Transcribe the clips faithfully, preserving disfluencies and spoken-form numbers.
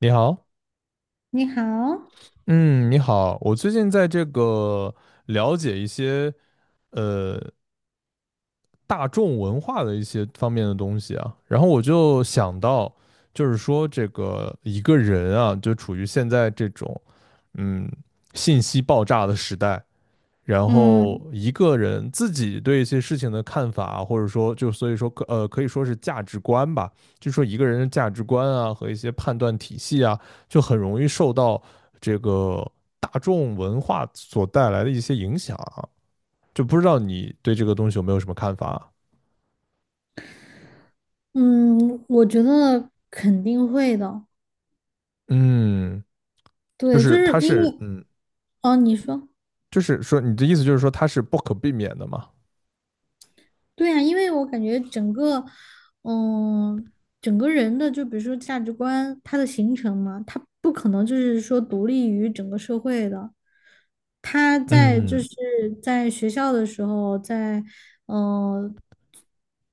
你好。你好，嗯，你好，我最近在这个了解一些呃大众文化的一些方面的东西啊，然后我就想到，就是说这个一个人啊，就处于现在这种嗯信息爆炸的时代，然嗯后一个人自己对一些事情的看法，或者说就所以说可呃可以说是价值观吧，就说一个人的价值观啊和一些判断体系啊，就很容易受到这个大众文化所带来的一些影响啊。就不知道你对这个东西有没有什么看法？嗯，我觉得肯定会的。嗯，就对，就是是它因是为嗯，哦，你说就是说你的意思就是说它是不可避免的嘛？对呀，因为我感觉整个嗯，整个人的就比如说价值观，它的形成嘛，它不可能就是说独立于整个社会的。他在就嗯是在学校的时候，在嗯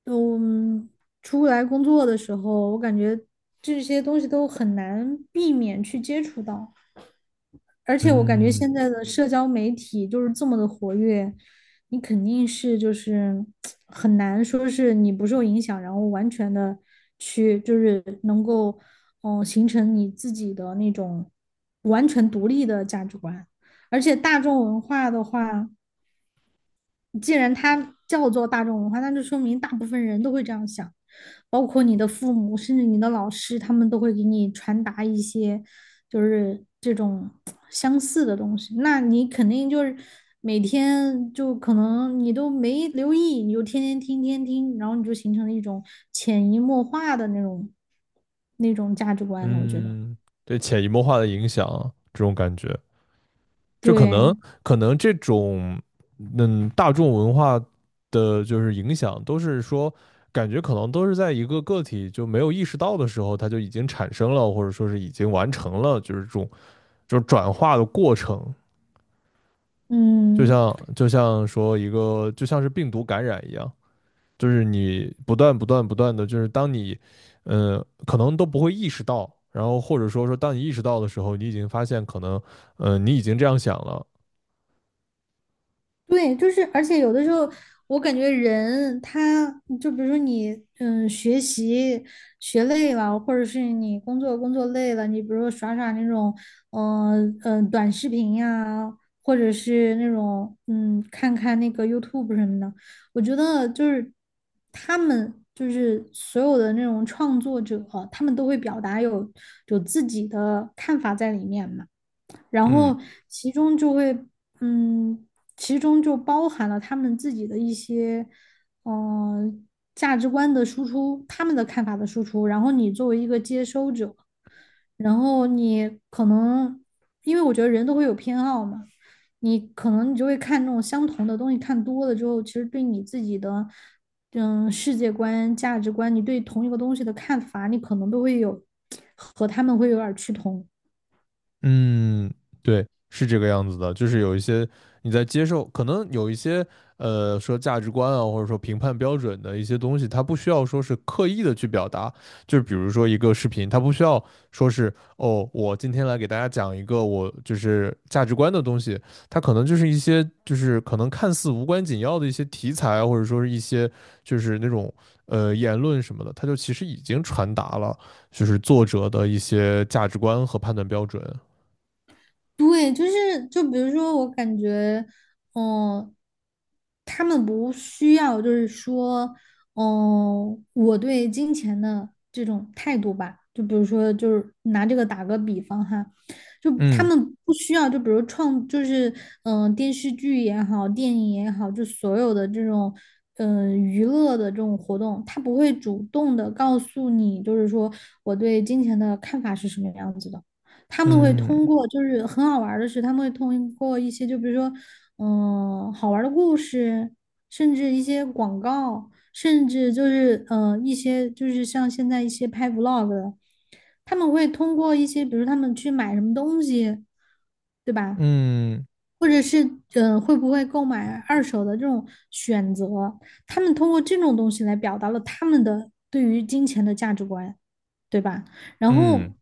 嗯出来工作的时候，我感觉这些东西都很难避免去接触到。而且我感觉现嗯在的社交媒体就是这么的活跃，你肯定是就是很难说是你不受影响，然后完全的去就是能够嗯、呃形成你自己的那种完全独立的价值观。而且大众文化的话，既然它叫做大众文化，那就说明大部分人都会这样想，包括你的父母，甚至你的老师，他们都会给你传达一些就是这种相似的东西。那你肯定就是每天就可能你都没留意，你就天天听，天天听，然后你就形成了一种潜移默化的那种那种价值观了。我觉得，嗯，对潜移默化的影响啊这种感觉。就可对，能可能这种嗯大众文化的就是影响，都是说感觉可能都是在一个个体就没有意识到的时候，它就已经产生了，或者说是已经完成了，就是这种就是转化的过程。就嗯。像就像说一个就像是病毒感染一样，就是你不断不断不断的，就是当你嗯，可能都不会意识到。然后或者说说，当你意识到的时候，你已经发现可能，嗯，你已经这样想了。对，就是，而且有的时候，我感觉人他就比如说你，嗯，学习学累了，或者是你工作工作累了，你比如说耍耍那种，嗯、呃嗯、呃短视频呀、或者是那种，嗯，看看那个 YouTube 什么的，我觉得就是他们就是所有的那种创作者，他们都会表达有有自己的看法在里面嘛。然嗯，后其中就会，嗯，其中就包含了他们自己的一些，嗯，价值观的输出，他们的看法的输出。然后你作为一个接收者，然后你可能，因为我觉得人都会有偏好嘛，你可能你就会看那种相同的东西，看多了之后，其实对你自己的，嗯，世界观、价值观，你对同一个东西的看法，你可能都会有和他们会有点儿趋同。嗯，对，是这个样子的，就是有一些你在接受，可能有一些呃说价值观啊，或者说评判标准的一些东西，它不需要说是刻意的去表达，就是比如说一个视频，它不需要说是哦，我今天来给大家讲一个我就是价值观的东西，它可能就是一些就是可能看似无关紧要的一些题材啊，或者说是一些就是那种呃言论什么的，它就其实已经传达了就是作者的一些价值观和判断标准。对，就是就比如说，我感觉，嗯、他们不需要，就是说，嗯、我对金钱的这种态度吧，就比如说，就是拿这个打个比方哈，就他嗯们不需要，就比如创，就是嗯、呃电视剧也好，电影也好，就所有的这种嗯、呃娱乐的这种活动，他不会主动的告诉你，就是说我对金钱的看法是什么样子的。他们会嗯通过，就是很好玩儿的是，他们会通过一些，就比如说，嗯、好玩儿的故事，甚至一些广告，甚至就是，嗯，一些就是像现在一些拍 vlog 的，他们会通过一些，比如他们去买什么东西，对吧？嗯或者是，嗯、会不会购买二手的这种选择，他们通过这种东西来表达了他们的对于金钱的价值观。对吧？然嗯后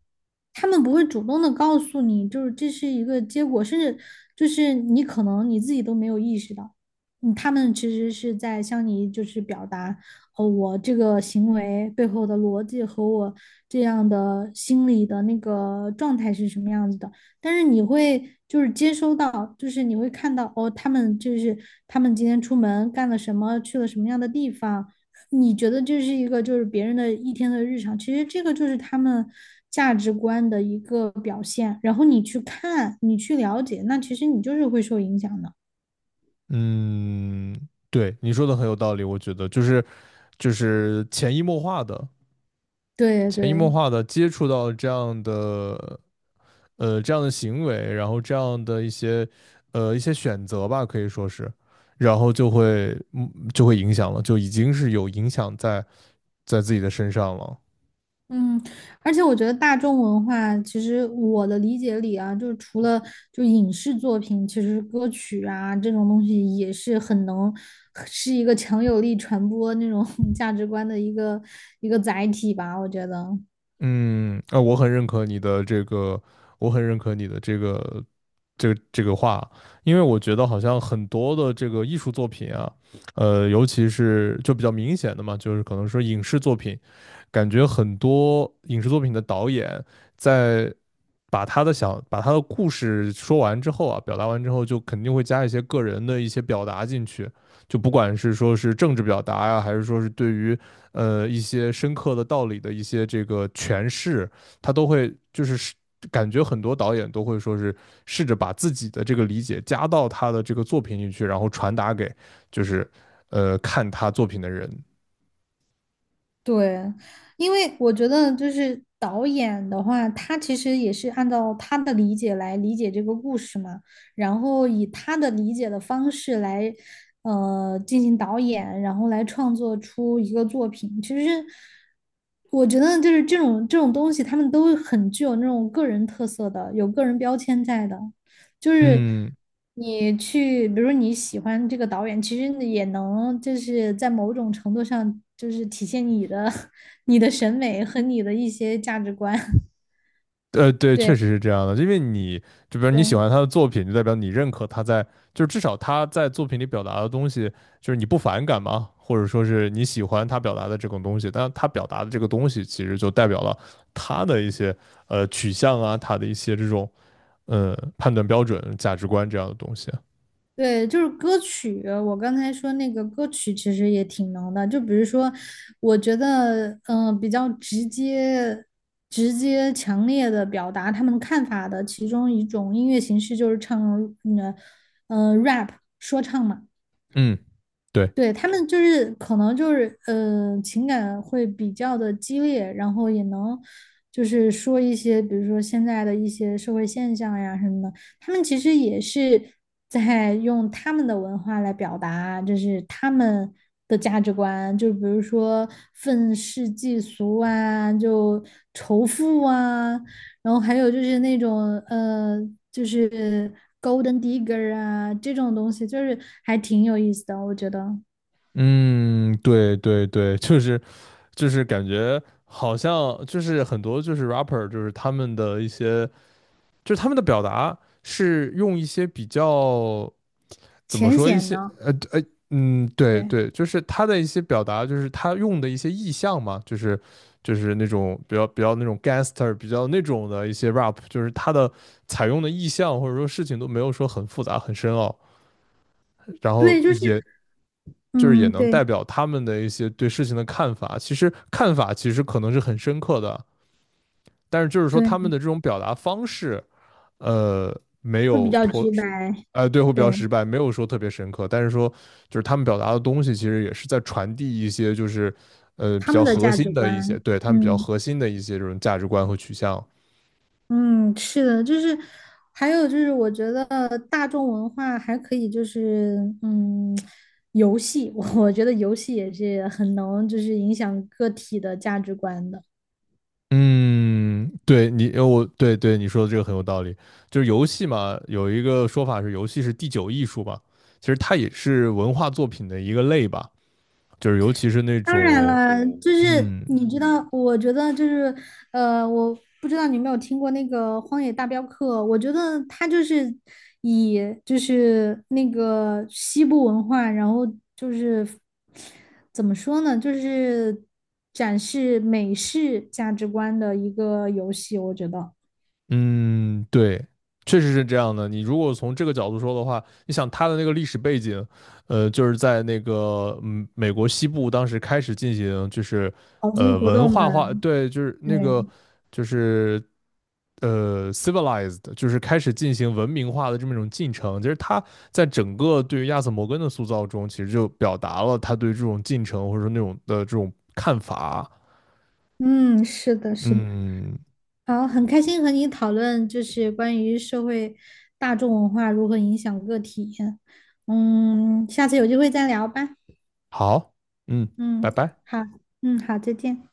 他们不会主动的告诉你，就是这是一个结果，甚至就是你可能你自己都没有意识到，嗯他们其实是在向你就是表达，哦，我这个行为背后的逻辑和我这样的心理的那个状态是什么样子的。但是你会就是接收到，就是你会看到，哦，他们就是他们今天出门干了什么，去了什么样的地方。你觉得这是一个就是别人的一天的日常，其实这个就是他们价值观的一个表现。然后你去看，你去了解，那其实你就是会受影响的。嗯，对，你说的很有道理，我觉得就是就是潜移默化的、对潜移默对，化的接触到这样的呃这样的行为，然后这样的一些呃一些选择吧，可以说是，然后就会嗯就会影响了，就已经是有影响在在自己的身上了。嗯，而且我觉得大众文化，其实我的理解里啊，就是除了就影视作品，其实歌曲啊这种东西也是很能是一个强有力传播那种 价值观的一个一个载体吧，我觉得。嗯，啊，我很认可你的这个，我很认可你的这个，这个这个话，因为我觉得好像很多的这个艺术作品啊，呃，尤其是就比较明显的嘛，就是可能说影视作品，感觉很多影视作品的导演在把他的想把他的故事说完之后啊，表达完之后，就肯定会加一些个人的一些表达进去，就不管是说是政治表达呀、还是说是对于呃一些深刻的道理的一些这个诠释，他都会就是感觉很多导演都会说是试着把自己的这个理解加到他的这个作品里去，然后传达给就是呃看他作品的人。对，因为我觉得就是导演的话，他其实也是按照他的理解来理解这个故事嘛，然后以他的理解的方式来，呃，进行导演，然后来创作出一个作品。其实我觉得就是这种这种东西，他们都很具有那种个人特色的，有个人标签在的。就是嗯你去，比如你喜欢这个导演，其实你也能就是在某种程度上，就是体现你的 你的审美和你的一些价值观。呃，对，确对实是这样的，因为你就比如对你喜欢他的作品，就代表你认可他在，就是至少他在作品里表达的东西，就是你不反感嘛，或者说是你喜欢他表达的这种东西，但他表达的这个东西其实就代表了他的一些呃取向啊，他的一些这种呃判断标准、价值观这样的东西。对，就是歌曲，我刚才说那个歌曲其实也挺能的，就比如说，我觉得嗯、呃比较直接。直接强烈的表达他们看法的其中一种音乐形式就是唱，嗯、呃，rap 说唱嘛。嗯，对，对，他们就是可能就是呃情感会比较的激烈，然后也能就是说一些，比如说现在的一些社会现象呀什么的，他们其实也是在用他们的文化来表达，就是他们的价值观，就比如说愤世嫉俗啊，就仇富啊，然后还有就是那种呃，就是 Golden Digger 啊这种东西，就是还挺有意思的，我觉得。嗯，对对对，就是就是感觉好像就是很多就是 rapper 就是他们的一些就是他们的表达是用一些比较怎么浅说一显些的，呃呃嗯对对，对，就是他的一些表达，就是他用的一些意象嘛，就是就是那种比较比较那种 gangster 比较那种的一些 rap，就是他的采用的意象或者说事情都没有说很复杂很深奥，然后对，就是也就是也嗯，能对代表他们的一些对事情的看法。其实看法其实可能是很深刻的，但是就是说他对，们的这种表达方式。呃，没会比有较脱，直白，哎，对，会比较对失败，没有说特别深刻，但是说就是他们表达的东西，其实也是在传递一些就是呃比他较们的核价值心的一些，观，对他们比较嗯核心的一些这种价值观和取向。嗯，是的，就是还有就是，我觉得大众文化还可以，就是嗯，游戏，我我觉得游戏也是很能就是影响个体的价值观的。嗯，对你，呃我对对你说的这个很有道理。就是游戏嘛，有一个说法是游戏是第九艺术吧，其实它也是文化作品的一个类吧。就是尤其是那当然种，了，嗯就是嗯，你知道，我觉得就是，呃，我不知道你有没有听过那个《荒野大镖客》，我觉得它就是以就是那个西部文化，然后就是怎么说呢，就是展示美式价值观的一个游戏，我觉得。嗯，对，确实是这样的。你如果从这个角度说的话，你想它的那个历史背景，呃，就是在那个嗯美国西部当时开始进行就是淘金呃活文动嘛，化化，对，就是那个对，就是呃 civilized，就是开始进行文明化的这么一种进程。其实他在整个对于亚瑟摩根的塑造中，其实就表达了他对这种进程或者说那种的这种看法。嗯，是的，是的。嗯，好，很开心和你讨论，就是关于社会大众文化如何影响个体。嗯，下次有机会再聊吧。好，嗯，嗯，拜拜。好，嗯，好，再见。